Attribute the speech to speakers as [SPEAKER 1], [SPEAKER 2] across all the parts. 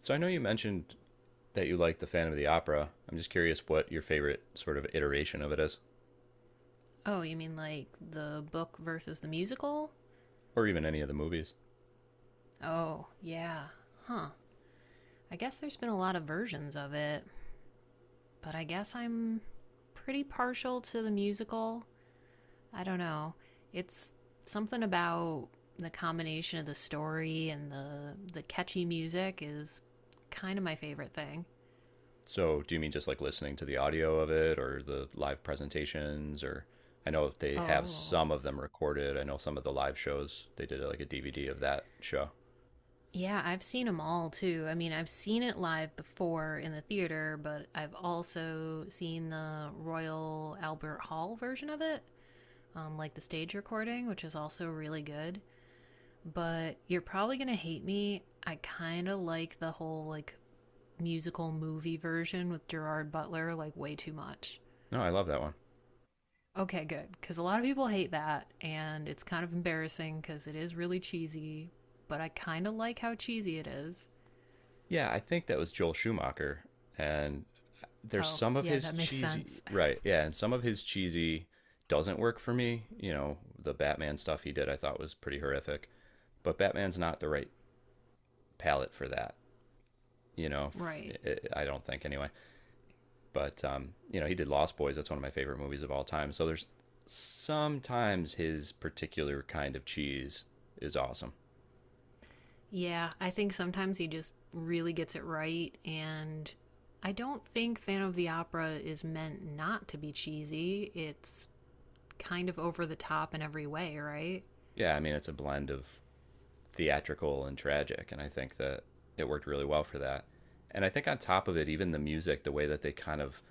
[SPEAKER 1] So I know you mentioned that you like the Phantom of the Opera. I'm just curious what your favorite sort of iteration of it is,
[SPEAKER 2] Oh, you mean like the book versus the musical?
[SPEAKER 1] or even any of the movies.
[SPEAKER 2] Oh, yeah. Huh. I guess there's been a lot of versions of it, but I guess I'm pretty partial to the musical. I don't know. It's something about the combination of the story and the catchy music is kind of my favorite thing.
[SPEAKER 1] So do you mean just like listening to the audio of it, or the live presentations, or I know they have
[SPEAKER 2] Oh,
[SPEAKER 1] some of them recorded. I know some of the live shows they did like a DVD of that show.
[SPEAKER 2] yeah, I've seen them all too. I mean, I've seen it live before in the theater, but I've also seen the Royal Albert Hall version of it, like the stage recording, which is also really good. But you're probably gonna hate me. I kind of like the whole like musical movie version with Gerard Butler like way too much.
[SPEAKER 1] No, I love that one.
[SPEAKER 2] Okay, good, because a lot of people hate that, and it's kind of embarrassing because it is really cheesy. But I kind of like how cheesy it is.
[SPEAKER 1] Yeah, I think that was Joel Schumacher, and there's
[SPEAKER 2] Oh,
[SPEAKER 1] some of
[SPEAKER 2] yeah,
[SPEAKER 1] his
[SPEAKER 2] that makes
[SPEAKER 1] cheesy
[SPEAKER 2] sense.
[SPEAKER 1] right yeah and some of his cheesy doesn't work for me, you know, the batman stuff he did, I thought was pretty horrific. But Batman's not the right palette for that, you know.
[SPEAKER 2] Right.
[SPEAKER 1] I don't think anyway. He did Lost Boys. That's one of my favorite movies of all time. So there's sometimes his particular kind of cheese is awesome.
[SPEAKER 2] Yeah, I think sometimes he just really gets it right. And I don't think Phantom of the Opera is meant not to be cheesy. It's kind of over the top in every way, right?
[SPEAKER 1] Yeah, I mean, it's a blend of theatrical and tragic, and I think that it worked really well for that. And I think on top of it, even the music, the way that they kind of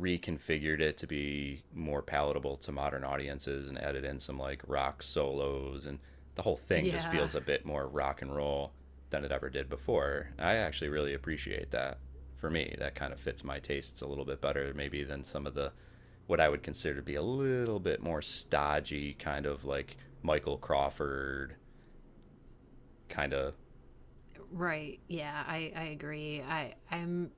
[SPEAKER 1] reconfigured it to be more palatable to modern audiences and added in some like rock solos and the whole thing just
[SPEAKER 2] Yeah,
[SPEAKER 1] feels a bit more rock and roll than it ever did before. And I actually really appreciate that. For me, that kind of fits my tastes a little bit better maybe than some of the what I would consider to be a little bit more stodgy kind of like Michael Crawford kind of.
[SPEAKER 2] right. Yeah, I agree. I'm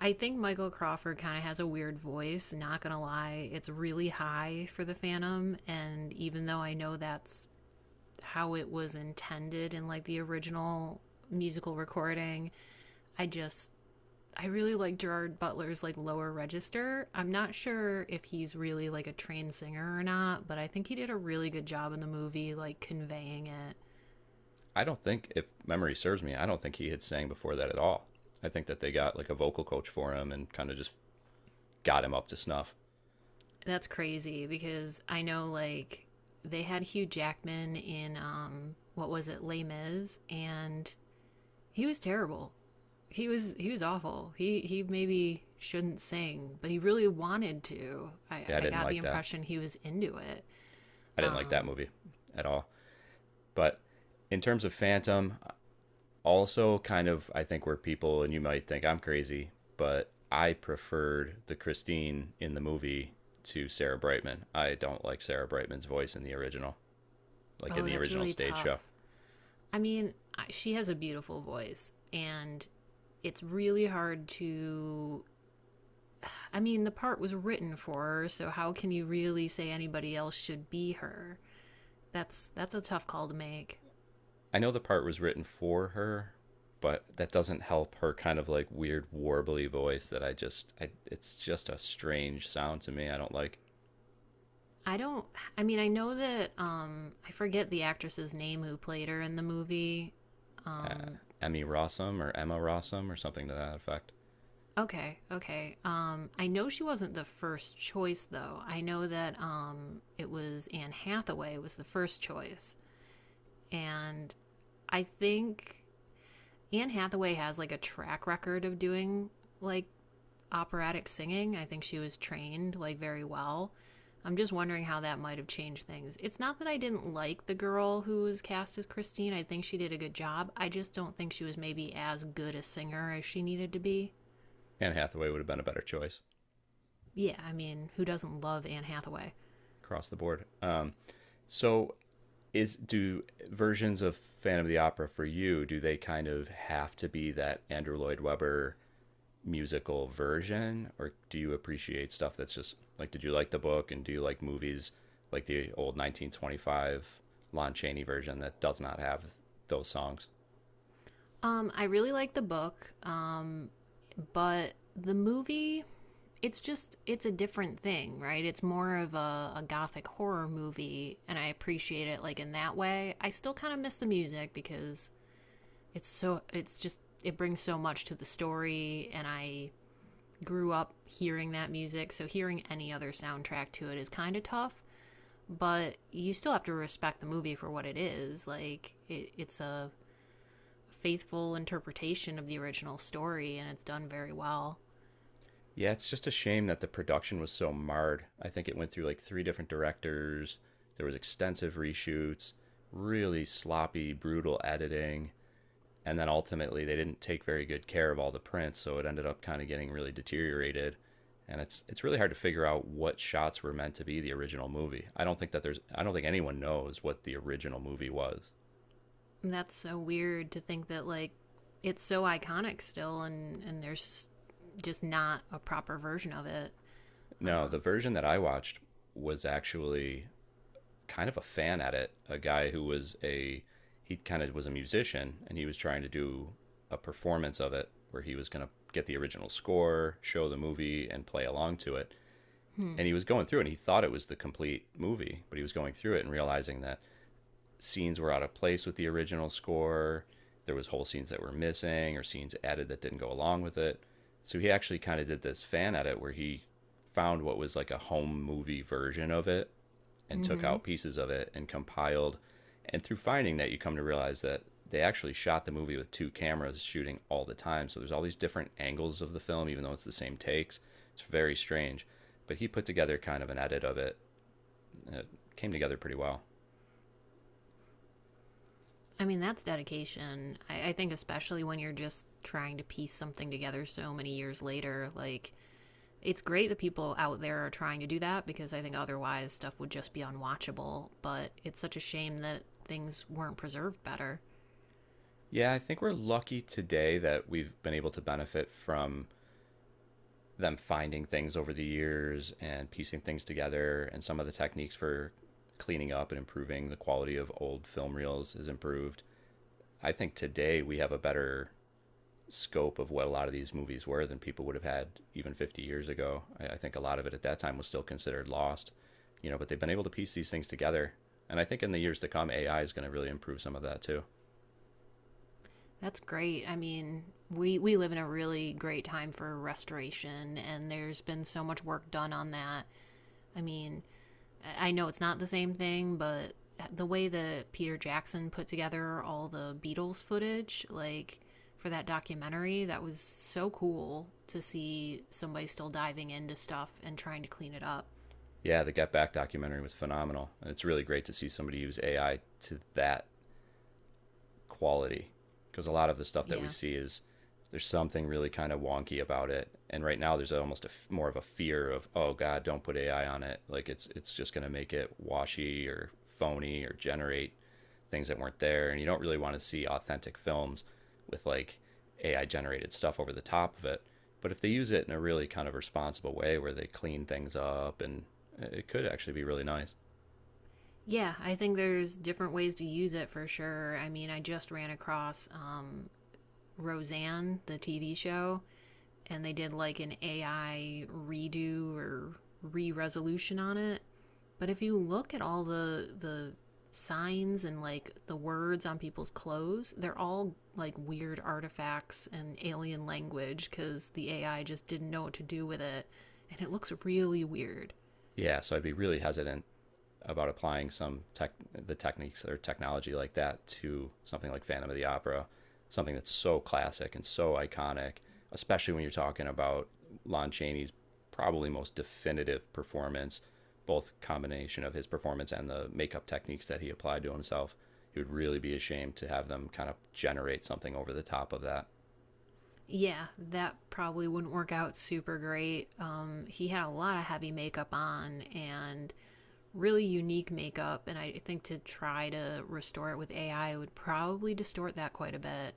[SPEAKER 2] I think Michael Crawford kind of has a weird voice, not gonna lie. It's really high for the Phantom, and even though I know that's how it was intended in like the original musical recording, I just I really like Gerard Butler's like lower register. I'm not sure if he's really like a trained singer or not, but I think he did a really good job in the movie like conveying it.
[SPEAKER 1] I don't think, if memory serves me, I don't think he had sang before that at all. I think that they got like a vocal coach for him and kind of just got him up to snuff.
[SPEAKER 2] That's crazy because I know like they had Hugh Jackman in what was it, Les Mis, and he was terrible. He was awful. He maybe shouldn't sing, but he really wanted to. I
[SPEAKER 1] Yeah, I
[SPEAKER 2] I
[SPEAKER 1] didn't
[SPEAKER 2] got the
[SPEAKER 1] like that.
[SPEAKER 2] impression he was into it.
[SPEAKER 1] I didn't like that
[SPEAKER 2] Um
[SPEAKER 1] movie at all. But in terms of Phantom, also kind of I think we're people and you might think I'm crazy, but I preferred the Christine in the movie to Sarah Brightman. I don't like Sarah Brightman's voice in the original, like in
[SPEAKER 2] oh,
[SPEAKER 1] the
[SPEAKER 2] that's
[SPEAKER 1] original
[SPEAKER 2] really
[SPEAKER 1] stage
[SPEAKER 2] tough.
[SPEAKER 1] show.
[SPEAKER 2] I mean, she has a beautiful voice, and it's really hard to. I mean, the part was written for her, so how can you really say anybody else should be her? That's a tough call to make.
[SPEAKER 1] I know the part was written for her, but that doesn't help her kind of like weird warbly voice that I just I it's just a strange sound to me. I don't like.
[SPEAKER 2] I don't. I mean, I know that. I forget the actress's name who played her in the movie.
[SPEAKER 1] uh,
[SPEAKER 2] Um,
[SPEAKER 1] Emmy Rossum or Emma Rossum or something to that effect.
[SPEAKER 2] okay, okay. I know she wasn't the first choice though. I know that it was Anne Hathaway was the first choice, and I think Anne Hathaway has like a track record of doing like operatic singing. I think she was trained like very well. I'm just wondering how that might have changed things. It's not that I didn't like the girl who was cast as Christine. I think she did a good job. I just don't think she was maybe as good a singer as she needed to be.
[SPEAKER 1] Anne Hathaway would have been a better choice
[SPEAKER 2] Yeah, I mean, who doesn't love Anne Hathaway?
[SPEAKER 1] across the board. So is do versions of Phantom of the Opera for you? Do they kind of have to be that Andrew Lloyd Webber musical version, or do you appreciate stuff that's just like? Did you like the book, and do you like movies like the old 1925 Lon Chaney version that does not have those songs?
[SPEAKER 2] I really like the book, but the movie it's just it's a different thing, right? It's more of a gothic horror movie, and I appreciate it like in that way. I still kind of miss the music because it's so it's just it brings so much to the story, and I grew up hearing that music, so hearing any other soundtrack to it is kind of tough. But you still have to respect the movie for what it is. Like it's a faithful interpretation of the original story, and it's done very well.
[SPEAKER 1] Yeah, it's just a shame that the production was so marred. I think it went through like three different directors. There was extensive reshoots, really sloppy, brutal editing, and then ultimately they didn't take very good care of all the prints, so it ended up kind of getting really deteriorated. And it's really hard to figure out what shots were meant to be the original movie. I don't think that there's I don't think anyone knows what the original movie was.
[SPEAKER 2] That's so weird to think that like it's so iconic still, and there's just not a proper version of it.
[SPEAKER 1] No,
[SPEAKER 2] Uh,
[SPEAKER 1] the version that I watched was actually kind of a fan at it, a guy who was a he kind of was a musician and he was trying to do a performance of it where he was going to get the original score, show the movie and play along to it.
[SPEAKER 2] hmm.
[SPEAKER 1] And he was going through and he thought it was the complete movie, but he was going through it and realizing that scenes were out of place with the original score. There was whole scenes that were missing or scenes added that didn't go along with it. So he actually kind of did this fan edit where he found what was like a home movie version of it and took
[SPEAKER 2] Mm-hmm.
[SPEAKER 1] out pieces of it and compiled. And through finding that, you come to realize that they actually shot the movie with two cameras shooting all the time. So there's all these different angles of the film, even though it's the same takes. It's very strange. But he put together kind of an edit of it. It came together pretty well.
[SPEAKER 2] I mean, that's dedication. I think especially when you're just trying to piece something together so many years later, like it's great that people out there are trying to do that because I think otherwise stuff would just be unwatchable. But it's such a shame that things weren't preserved better.
[SPEAKER 1] Yeah, I think we're lucky today that we've been able to benefit from them finding things over the years and piecing things together. And some of the techniques for cleaning up and improving the quality of old film reels is improved. I think today we have a better scope of what a lot of these movies were than people would have had even 50 years ago. I think a lot of it at that time was still considered lost, you know, but they've been able to piece these things together. And I think in the years to come, AI is going to really improve some of that too.
[SPEAKER 2] That's great. I mean, we live in a really great time for restoration, and there's been so much work done on that. I mean, I know it's not the same thing, but the way that Peter Jackson put together all the Beatles footage like for that documentary, that was so cool to see somebody still diving into stuff and trying to clean it up.
[SPEAKER 1] Yeah, the Get Back documentary was phenomenal, and it's really great to see somebody use AI to that quality because a lot of the stuff that we
[SPEAKER 2] Yeah.
[SPEAKER 1] see is there's something really kind of wonky about it. And right now there's almost a more of a fear of, oh god, don't put AI on it, like it's just going to make it washy or phony or generate things that weren't there, and you don't really want to see authentic films with like AI generated stuff over the top of it. But if they use it in a really kind of responsible way where they clean things up and it could actually be really nice.
[SPEAKER 2] Yeah, I think there's different ways to use it for sure. I mean, I just ran across Roseanne, the TV show, and they did like an AI redo or re-resolution on it. But if you look at all the signs and like the words on people's clothes, they're all like weird artifacts and alien language cuz the AI just didn't know what to do with it, and it looks really weird.
[SPEAKER 1] Yeah, so I'd be really hesitant about applying some tech the techniques or technology like that to something like Phantom of the Opera, something that's so classic and so iconic, especially when you're talking about Lon Chaney's probably most definitive performance, both combination of his performance and the makeup techniques that he applied to himself. It would really be a shame to have them kind of generate something over the top of that.
[SPEAKER 2] Yeah, that probably wouldn't work out super great. He had a lot of heavy makeup on and really unique makeup, and I think to try to restore it with AI would probably distort that quite a bit.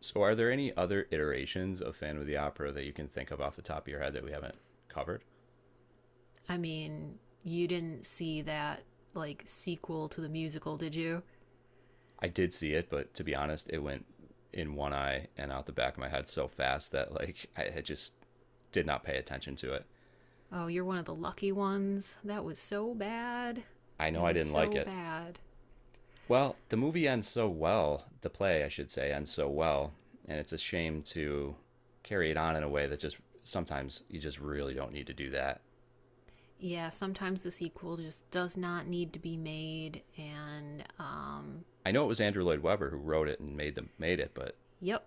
[SPEAKER 1] So, are there any other iterations of Phantom of the Opera that you can think of off the top of your head that we haven't covered?
[SPEAKER 2] I mean, you didn't see that like sequel to the musical, did you?
[SPEAKER 1] I did see it, but to be honest, it went in one eye and out the back of my head so fast that like I had just did not pay attention to it.
[SPEAKER 2] Oh, you're one of the lucky ones. That was so bad.
[SPEAKER 1] I know
[SPEAKER 2] It
[SPEAKER 1] I
[SPEAKER 2] was
[SPEAKER 1] didn't like
[SPEAKER 2] so
[SPEAKER 1] it.
[SPEAKER 2] bad.
[SPEAKER 1] Well, the movie ends so well, the play I should say ends so well, and it's a shame to carry it on in a way that just sometimes you just really don't need to do that.
[SPEAKER 2] Yeah, sometimes the sequel just does not need to be made, and
[SPEAKER 1] I know it was Andrew Lloyd Webber who wrote it and made the made it, but
[SPEAKER 2] yep,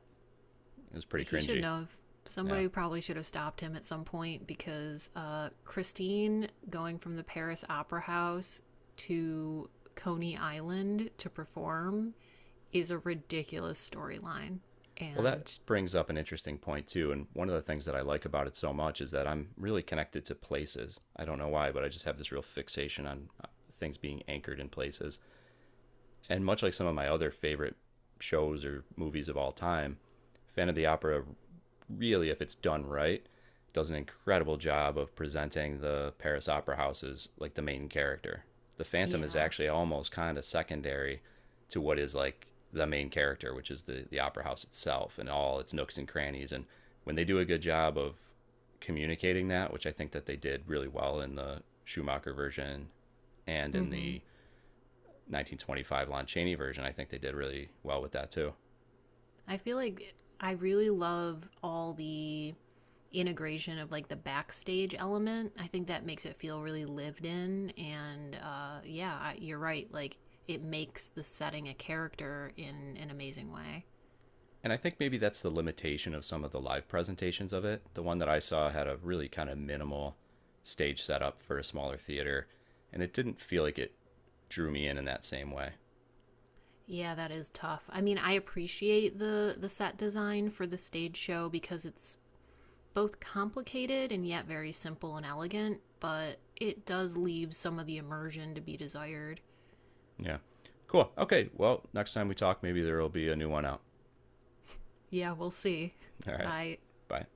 [SPEAKER 1] it was pretty
[SPEAKER 2] he should
[SPEAKER 1] cringy.
[SPEAKER 2] not have.
[SPEAKER 1] Yeah.
[SPEAKER 2] Somebody probably should have stopped him at some point because Christine going from the Paris Opera House to Coney Island to perform is a ridiculous storyline.
[SPEAKER 1] Well, that
[SPEAKER 2] And
[SPEAKER 1] brings up an interesting point too. And one of the things that I like about it so much is that I'm really connected to places. I don't know why, but I just have this real fixation on things being anchored in places and much like some of my other favorite shows or movies of all time, Fan of the Opera really, if it's done right, does an incredible job of presenting the Paris Opera House as like the main character. The Phantom is
[SPEAKER 2] yeah,
[SPEAKER 1] actually almost kind of secondary to what is like the main character, which is the opera house itself and all its nooks and crannies. And when they do a good job of communicating that, which I think that they did really well in the Schumacher version and in
[SPEAKER 2] hmm.
[SPEAKER 1] the 1925 Lon Chaney version. I think they did really well with that too.
[SPEAKER 2] I feel like I really love all the integration of like the backstage element. I think that makes it feel really lived in. And yeah, you're right. Like it makes the setting a character in an amazing way.
[SPEAKER 1] And I think maybe that's the limitation of some of the live presentations of it. The one that I saw had a really kind of minimal stage setup for a smaller theater, and it didn't feel like it drew me in that same way.
[SPEAKER 2] Yeah, that is tough. I mean, I appreciate the set design for the stage show because it's both complicated and yet very simple and elegant, but it does leave some of the immersion to be desired.
[SPEAKER 1] Yeah. Cool. Okay. Well, next time we talk, maybe there will be a new one out.
[SPEAKER 2] Yeah, we'll see.
[SPEAKER 1] All right.
[SPEAKER 2] Bye.
[SPEAKER 1] Bye.